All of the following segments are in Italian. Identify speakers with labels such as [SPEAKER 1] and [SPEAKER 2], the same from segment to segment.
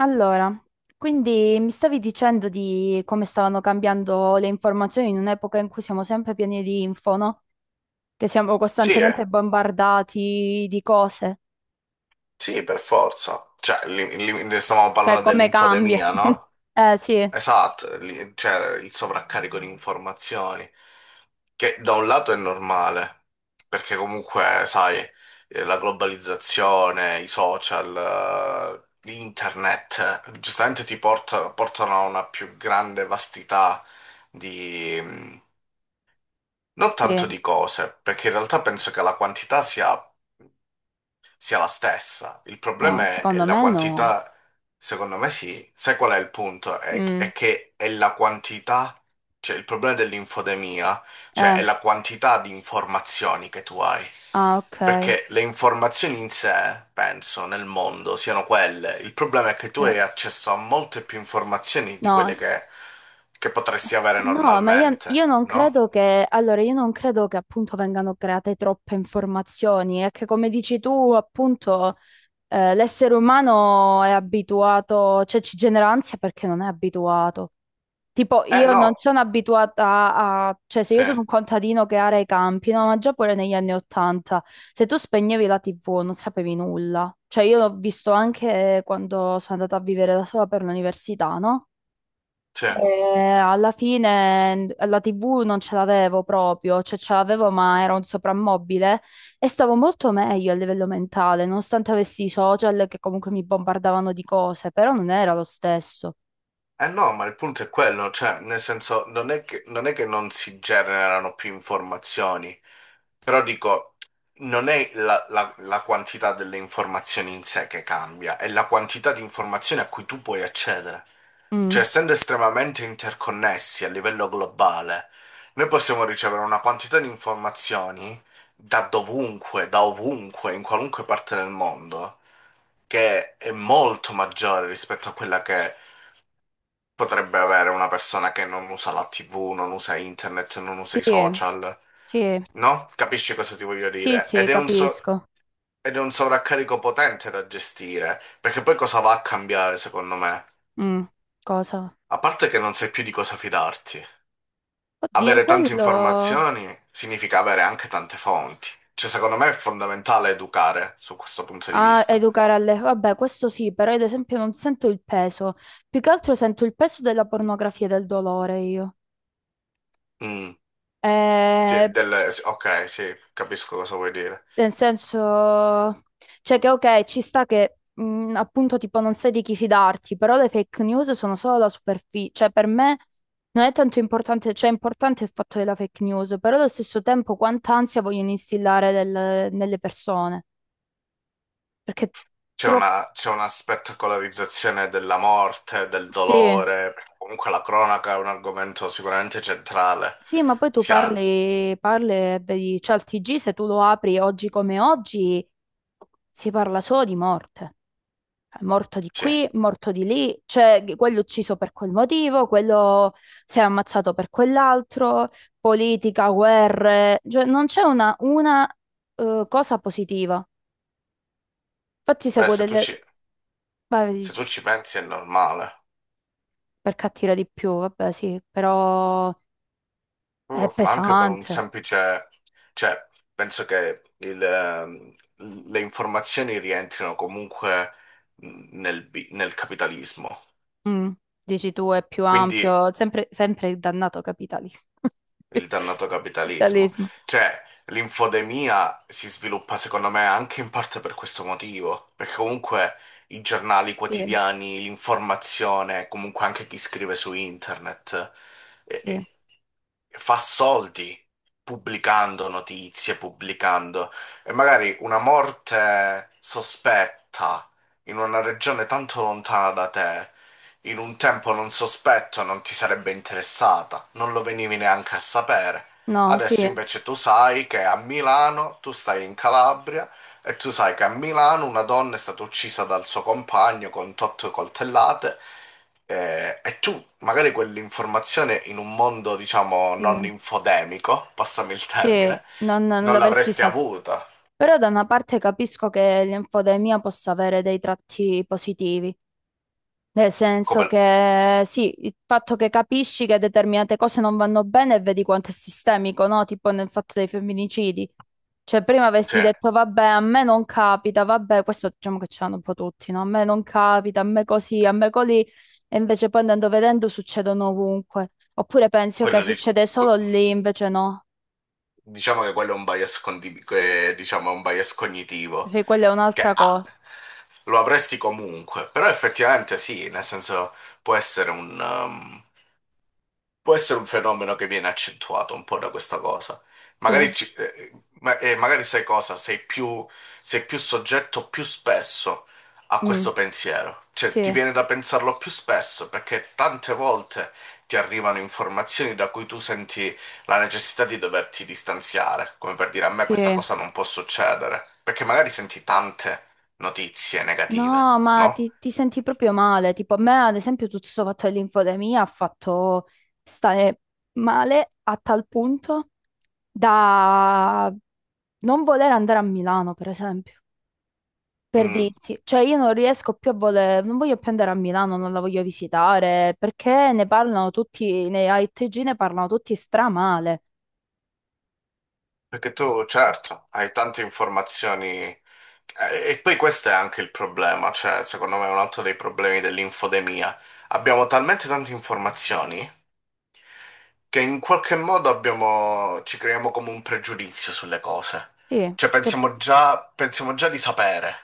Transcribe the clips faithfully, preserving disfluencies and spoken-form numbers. [SPEAKER 1] Allora, quindi mi stavi dicendo di come stavano cambiando le informazioni in un'epoca in cui siamo sempre pieni di info, no? Che siamo
[SPEAKER 2] Sì, eh.
[SPEAKER 1] costantemente bombardati di cose,
[SPEAKER 2] Sì, per forza. Cioè, li- li- ne stavamo
[SPEAKER 1] cioè
[SPEAKER 2] parlando
[SPEAKER 1] come cambia.
[SPEAKER 2] dell'infodemia, no?
[SPEAKER 1] Eh sì,
[SPEAKER 2] Esatto, li- cioè il sovraccarico di informazioni, che da un lato è normale, perché comunque, sai, eh, la globalizzazione, i social, eh, internet, eh, giustamente ti porta- portano a una più grande vastità di... mm, non
[SPEAKER 1] sì,
[SPEAKER 2] tanto di cose, perché in realtà penso che la quantità sia sia la stessa. Il
[SPEAKER 1] no,
[SPEAKER 2] problema è, è
[SPEAKER 1] secondo
[SPEAKER 2] la
[SPEAKER 1] me no.
[SPEAKER 2] quantità, secondo me sì. Sai qual è il punto? È,
[SPEAKER 1] Mm,
[SPEAKER 2] è che è la quantità, cioè il problema dell'infodemia, cioè è
[SPEAKER 1] eh,
[SPEAKER 2] la quantità di informazioni che tu hai.
[SPEAKER 1] ah, ok.
[SPEAKER 2] Perché le informazioni in sé, penso, nel mondo siano quelle. Il problema è che tu
[SPEAKER 1] Eh,
[SPEAKER 2] hai accesso a molte più informazioni di quelle
[SPEAKER 1] no,
[SPEAKER 2] che, che potresti
[SPEAKER 1] eh,
[SPEAKER 2] avere
[SPEAKER 1] no, ma io, io
[SPEAKER 2] normalmente,
[SPEAKER 1] non
[SPEAKER 2] no?
[SPEAKER 1] credo che, allora, io non credo che appunto vengano create troppe informazioni, è che come dici tu, appunto... Eh, l'essere umano è abituato, cioè ci genera ansia perché non è abituato. Tipo,
[SPEAKER 2] Eh
[SPEAKER 1] io
[SPEAKER 2] no,
[SPEAKER 1] non sono abituata a, cioè se
[SPEAKER 2] sì,
[SPEAKER 1] io sono un contadino che ara i campi, no, ma già pure negli anni Ottanta, se tu spegnevi la tivù non sapevi nulla. Cioè io l'ho visto anche quando sono andata a vivere da sola per l'università, no?
[SPEAKER 2] sì.
[SPEAKER 1] Eh, alla fine n- la T V non ce l'avevo proprio, cioè ce l'avevo ma era un soprammobile e stavo molto meglio a livello mentale, nonostante avessi i social che comunque mi bombardavano di cose, però non era lo stesso.
[SPEAKER 2] Eh no, ma il punto è quello, cioè, nel senso, non è che non, è che non si generano più informazioni, però dico, non è la, la- la quantità delle informazioni in sé che cambia, è la quantità di informazioni a cui tu puoi accedere. Cioè,
[SPEAKER 1] Mm.
[SPEAKER 2] essendo estremamente interconnessi a livello globale, noi possiamo ricevere una quantità di informazioni da dovunque, da ovunque, in qualunque parte del mondo, che è molto maggiore rispetto a quella che potrebbe avere una persona che non usa la T V, non usa internet, non usa
[SPEAKER 1] Sì,
[SPEAKER 2] i social,
[SPEAKER 1] sì,
[SPEAKER 2] no? Capisci cosa ti voglio
[SPEAKER 1] sì,
[SPEAKER 2] dire? Ed
[SPEAKER 1] sì,
[SPEAKER 2] è un so-
[SPEAKER 1] capisco.
[SPEAKER 2] ed è un sovraccarico potente da gestire, perché poi cosa va a cambiare, secondo me?
[SPEAKER 1] Mm. Cosa?
[SPEAKER 2] A parte che non sai più di cosa fidarti.
[SPEAKER 1] Oddio,
[SPEAKER 2] Avere tante
[SPEAKER 1] quello...
[SPEAKER 2] informazioni significa avere anche tante fonti. Cioè, secondo me è fondamentale educare su questo punto di
[SPEAKER 1] Ah,
[SPEAKER 2] vista.
[SPEAKER 1] educare alle... Vabbè, questo sì, però ad esempio non sento il peso. Più che altro sento il peso della pornografia e del dolore io.
[SPEAKER 2] Mm. Cioè,
[SPEAKER 1] Eh,
[SPEAKER 2] delle- sì, ok, sì, capisco cosa vuoi dire.
[SPEAKER 1] Nel senso, cioè che ok, ci sta che mh, appunto tipo non sai di chi fidarti, però le fake news sono solo la superficie, cioè per me non è tanto importante, cioè è importante il fatto della fake news, però allo stesso tempo quanta ansia vogliono instillare nel- nelle persone, perché
[SPEAKER 2] C'è
[SPEAKER 1] troppo...
[SPEAKER 2] una, c'è una spettacolarizzazione della morte, del
[SPEAKER 1] Sì,
[SPEAKER 2] dolore, perché comunque la cronaca è un argomento sicuramente centrale.
[SPEAKER 1] sì, ma poi tu
[SPEAKER 2] Sia,
[SPEAKER 1] parli, parli e vedi, cioè il tiggì se tu lo apri oggi come oggi si parla solo di morte. Morto di
[SPEAKER 2] sì.
[SPEAKER 1] qui, morto di lì, cioè che- quello ucciso per quel motivo, quello si è ammazzato per quell'altro, politica, guerre, cioè non c'è una, una eh, cosa positiva. Infatti
[SPEAKER 2] Beh,
[SPEAKER 1] seguo
[SPEAKER 2] se tu ci,
[SPEAKER 1] delle... Vai,
[SPEAKER 2] se tu
[SPEAKER 1] dici,
[SPEAKER 2] ci pensi è normale.
[SPEAKER 1] per cattiva di più, vabbè sì, però è
[SPEAKER 2] Uh, ma anche per un
[SPEAKER 1] pesante.
[SPEAKER 2] semplice... Cioè, penso che il, ehm, le informazioni rientrino comunque nel, bi- nel capitalismo.
[SPEAKER 1] Mm, dici tu, è più
[SPEAKER 2] Quindi
[SPEAKER 1] ampio, sempre, sempre il dannato capitalismo.
[SPEAKER 2] Il dannato capitalismo.
[SPEAKER 1] Capitalismo.
[SPEAKER 2] Cioè, l'infodemia si sviluppa secondo me anche in parte per questo motivo, perché comunque i giornali
[SPEAKER 1] Sì,
[SPEAKER 2] quotidiani, l'informazione, comunque anche chi scrive su internet, eh,
[SPEAKER 1] sì.
[SPEAKER 2] eh, fa soldi pubblicando notizie, pubblicando e magari una morte sospetta in una regione tanto lontana da te. In un tempo non sospetto non ti sarebbe interessata, non lo venivi neanche a sapere.
[SPEAKER 1] No, sì,
[SPEAKER 2] Adesso invece tu sai che a Milano, tu stai in Calabria, e tu sai che a Milano una donna è stata uccisa dal suo compagno con otto coltellate, eh, e tu magari quell'informazione in un mondo, diciamo, non
[SPEAKER 1] sì,
[SPEAKER 2] infodemico, passami il
[SPEAKER 1] sì,
[SPEAKER 2] termine,
[SPEAKER 1] non, non
[SPEAKER 2] non
[SPEAKER 1] l'avresti
[SPEAKER 2] l'avresti
[SPEAKER 1] saputo.
[SPEAKER 2] avuta.
[SPEAKER 1] Però da una parte capisco che l'infodemia possa avere dei tratti positivi, nel senso
[SPEAKER 2] Come.
[SPEAKER 1] che sì, il fatto che capisci che determinate cose non vanno bene e vedi quanto è sistemico, no? Tipo nel fatto dei femminicidi. Cioè prima avessi
[SPEAKER 2] cioè,
[SPEAKER 1] detto vabbè, a me non capita, vabbè, questo diciamo che ce l'hanno un po' tutti, no? A me non capita, a me così, a me colì, e invece poi andando vedendo succedono ovunque. Oppure pensi che
[SPEAKER 2] quello di...
[SPEAKER 1] succede
[SPEAKER 2] que-
[SPEAKER 1] solo lì, invece no.
[SPEAKER 2] Diciamo che quello è un bias, condi- che, diciamo, è un bias cognitivo,
[SPEAKER 1] Sì, quella è
[SPEAKER 2] che
[SPEAKER 1] un'altra
[SPEAKER 2] ah,
[SPEAKER 1] cosa.
[SPEAKER 2] lo avresti comunque, però effettivamente sì, nel senso può essere un, um, Può essere un fenomeno che viene accentuato un po' da questa cosa.
[SPEAKER 1] Sì.
[SPEAKER 2] Magari, ci- eh, ma- eh, magari sai cosa? Sei più, sei più soggetto più spesso a
[SPEAKER 1] Mm,
[SPEAKER 2] questo pensiero. Cioè, ti
[SPEAKER 1] sì.
[SPEAKER 2] viene da pensarlo più spesso perché tante volte ti arrivano informazioni da cui tu senti la necessità di doverti distanziare. Come per dire, a me
[SPEAKER 1] Sì,
[SPEAKER 2] questa cosa non può succedere. Perché magari senti tante notizie negative,
[SPEAKER 1] no, ma
[SPEAKER 2] no?
[SPEAKER 1] ti, ti senti proprio male. Tipo, a me, ad esempio, tutto questo fatto dell'infodemia ha fatto stare male a tal punto da non voler andare a Milano, per esempio, per
[SPEAKER 2] Mm.
[SPEAKER 1] dirti. Cioè, io non riesco più a voler, non voglio più andare a Milano, non la voglio visitare, perché ne parlano tutti, nei A I T G ne parlano tutti stramale.
[SPEAKER 2] Perché tu, certo, hai tante informazioni, eh, e poi questo è anche il problema, cioè secondo me è un altro dei problemi dell'infodemia. Abbiamo talmente tante informazioni che in qualche modo abbiamo, ci creiamo come un pregiudizio sulle cose.
[SPEAKER 1] Sì,
[SPEAKER 2] Cioè
[SPEAKER 1] che
[SPEAKER 2] pensiamo già, pensiamo già di sapere,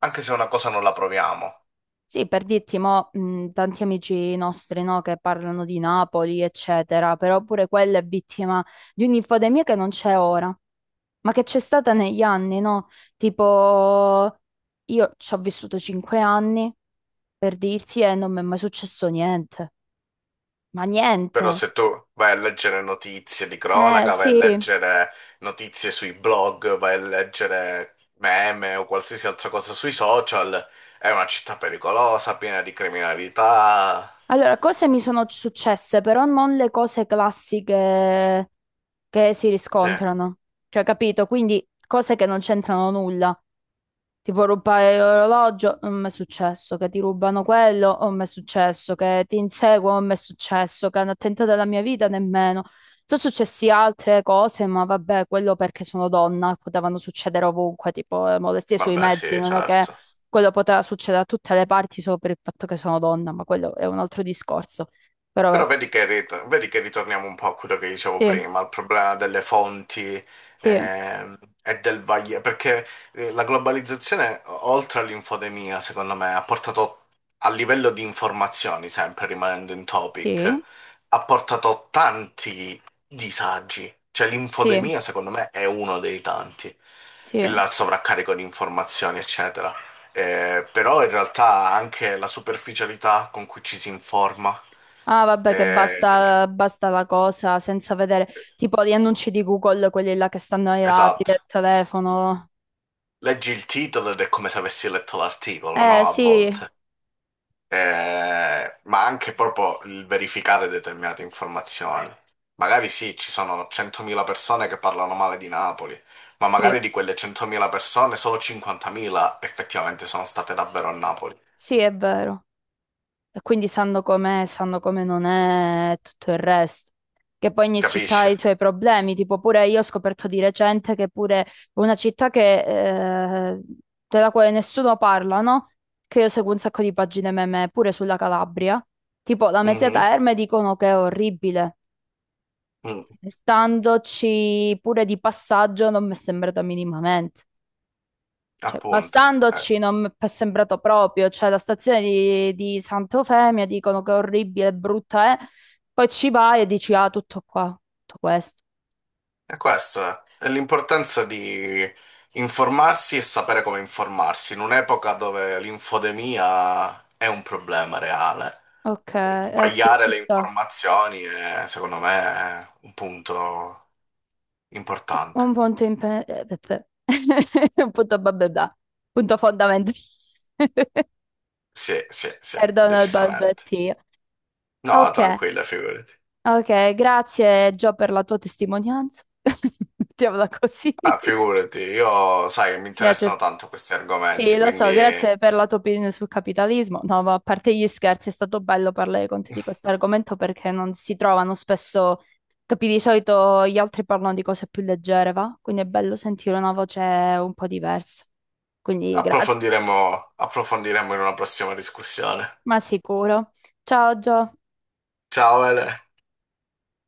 [SPEAKER 2] anche se una cosa non la proviamo.
[SPEAKER 1] sì, per dirti, mo, mh, tanti amici nostri, no, che parlano di Napoli, eccetera, però pure quella è vittima di un'infodemia che non c'è ora, ma che c'è stata negli anni, no? Tipo, io ci ho vissuto cinque anni, per dirti, e non mi è mai successo niente, ma
[SPEAKER 2] Però
[SPEAKER 1] niente.
[SPEAKER 2] se tu vai a leggere notizie di
[SPEAKER 1] Eh,
[SPEAKER 2] cronaca, vai a
[SPEAKER 1] sì.
[SPEAKER 2] leggere notizie sui blog, vai a leggere meme o qualsiasi altra cosa sui social, è una città pericolosa, piena di criminalità.
[SPEAKER 1] Allora, cose mi sono successe, però non le cose classiche che si
[SPEAKER 2] Sì,
[SPEAKER 1] riscontrano, cioè, capito? Quindi cose che non c'entrano nulla. Tipo rubare l'orologio, non mi è successo, che ti rubano quello, non mi è successo, che ti inseguono, non mi è successo, che hanno tentato la mia vita, nemmeno. Sono successe altre cose, ma vabbè, quello perché sono donna, potevano succedere ovunque, tipo eh, molestie sui
[SPEAKER 2] vabbè,
[SPEAKER 1] mezzi,
[SPEAKER 2] sì,
[SPEAKER 1] non è che
[SPEAKER 2] certo.
[SPEAKER 1] quello poteva succedere a tutte le parti solo per il fatto che sono donna, ma quello è un altro discorso. Però,
[SPEAKER 2] Però
[SPEAKER 1] eh,
[SPEAKER 2] vedi che, rit- vedi che ritorniamo un po' a quello che dicevo
[SPEAKER 1] sì,
[SPEAKER 2] prima, al problema delle fonti,
[SPEAKER 1] sì,
[SPEAKER 2] ehm, e del vaglio, perché eh, la globalizzazione, o- oltre all'infodemia, secondo me, ha portato a livello di informazioni, sempre rimanendo in topic,
[SPEAKER 1] sì,
[SPEAKER 2] ha portato tanti disagi. Cioè
[SPEAKER 1] sì,
[SPEAKER 2] l'infodemia, secondo me, è uno dei tanti,
[SPEAKER 1] sì.
[SPEAKER 2] il sovraccarico di informazioni, eccetera. Eh, però in realtà anche la superficialità con cui ci si informa.
[SPEAKER 1] Ah, vabbè, che
[SPEAKER 2] Eh,
[SPEAKER 1] basta, basta la cosa senza vedere tipo gli annunci di Google, quelli là che stanno ai lati del
[SPEAKER 2] esatto.
[SPEAKER 1] telefono.
[SPEAKER 2] Leggi il titolo ed è come se avessi letto l'articolo,
[SPEAKER 1] Eh,
[SPEAKER 2] no? A
[SPEAKER 1] sì,
[SPEAKER 2] volte. Eh, ma anche proprio il verificare determinate informazioni. Magari sì, ci sono centomila persone che parlano male di Napoli, ma
[SPEAKER 1] sì,
[SPEAKER 2] magari di quelle centomila persone solo cinquantamila effettivamente sono state davvero a Napoli.
[SPEAKER 1] sì, è vero. E quindi sanno com'è, sanno come non è e tutto il resto. Che poi ogni città ha
[SPEAKER 2] Capisci?
[SPEAKER 1] i suoi problemi, tipo pure io ho scoperto di recente che pure una città che, eh, della quale nessuno parla, no? Che io seguo un sacco di pagine meme pure sulla Calabria. Tipo la Mezzia
[SPEAKER 2] Mhm,
[SPEAKER 1] Terme dicono che è orribile.
[SPEAKER 2] mm,
[SPEAKER 1] Standoci pure di passaggio non mi è sembrata minimamente. Cioè,
[SPEAKER 2] appunto. Eh,
[SPEAKER 1] passandoci non mi è sembrato proprio. Cioè, la stazione di, di Sant'Eufemia dicono che è orribile, brutta è. Poi ci vai e dici, ah, tutto qua, tutto questo.
[SPEAKER 2] E questo è È l'importanza di informarsi e sapere come informarsi, in un'epoca dove l'infodemia è un problema reale.
[SPEAKER 1] Ok,
[SPEAKER 2] Eh,
[SPEAKER 1] eh sì,
[SPEAKER 2] Vagliare
[SPEAKER 1] ci
[SPEAKER 2] le
[SPEAKER 1] sta.
[SPEAKER 2] informazioni è, secondo me, è un punto importante.
[SPEAKER 1] Un punto in pe- eh, pe- pe- Un punto bababà. Punto fondamentale.
[SPEAKER 2] Sì, sì, sì,
[SPEAKER 1] Perdono il
[SPEAKER 2] decisamente.
[SPEAKER 1] balbettio.
[SPEAKER 2] No,
[SPEAKER 1] Ok.
[SPEAKER 2] tranquilla, figurati.
[SPEAKER 1] Ok, grazie Gio per la tua testimonianza. Mettiamola così.
[SPEAKER 2] Ah, figurati, io sai che mi
[SPEAKER 1] Grazie.
[SPEAKER 2] interessano tanto questi
[SPEAKER 1] Sì,
[SPEAKER 2] argomenti,
[SPEAKER 1] lo
[SPEAKER 2] quindi
[SPEAKER 1] so, grazie per la tua opinione sul capitalismo. No, ma a parte gli scherzi, è stato bello parlare con te di questo argomento perché non si trovano spesso, capi, di solito gli altri parlano di cose più leggere, va? Quindi è bello sentire una voce un po' diversa. Quindi grazie,
[SPEAKER 2] approfondiremo, approfondiremo in una prossima discussione.
[SPEAKER 1] ma sicuro. Ciao Gio.
[SPEAKER 2] Ciao, Ele.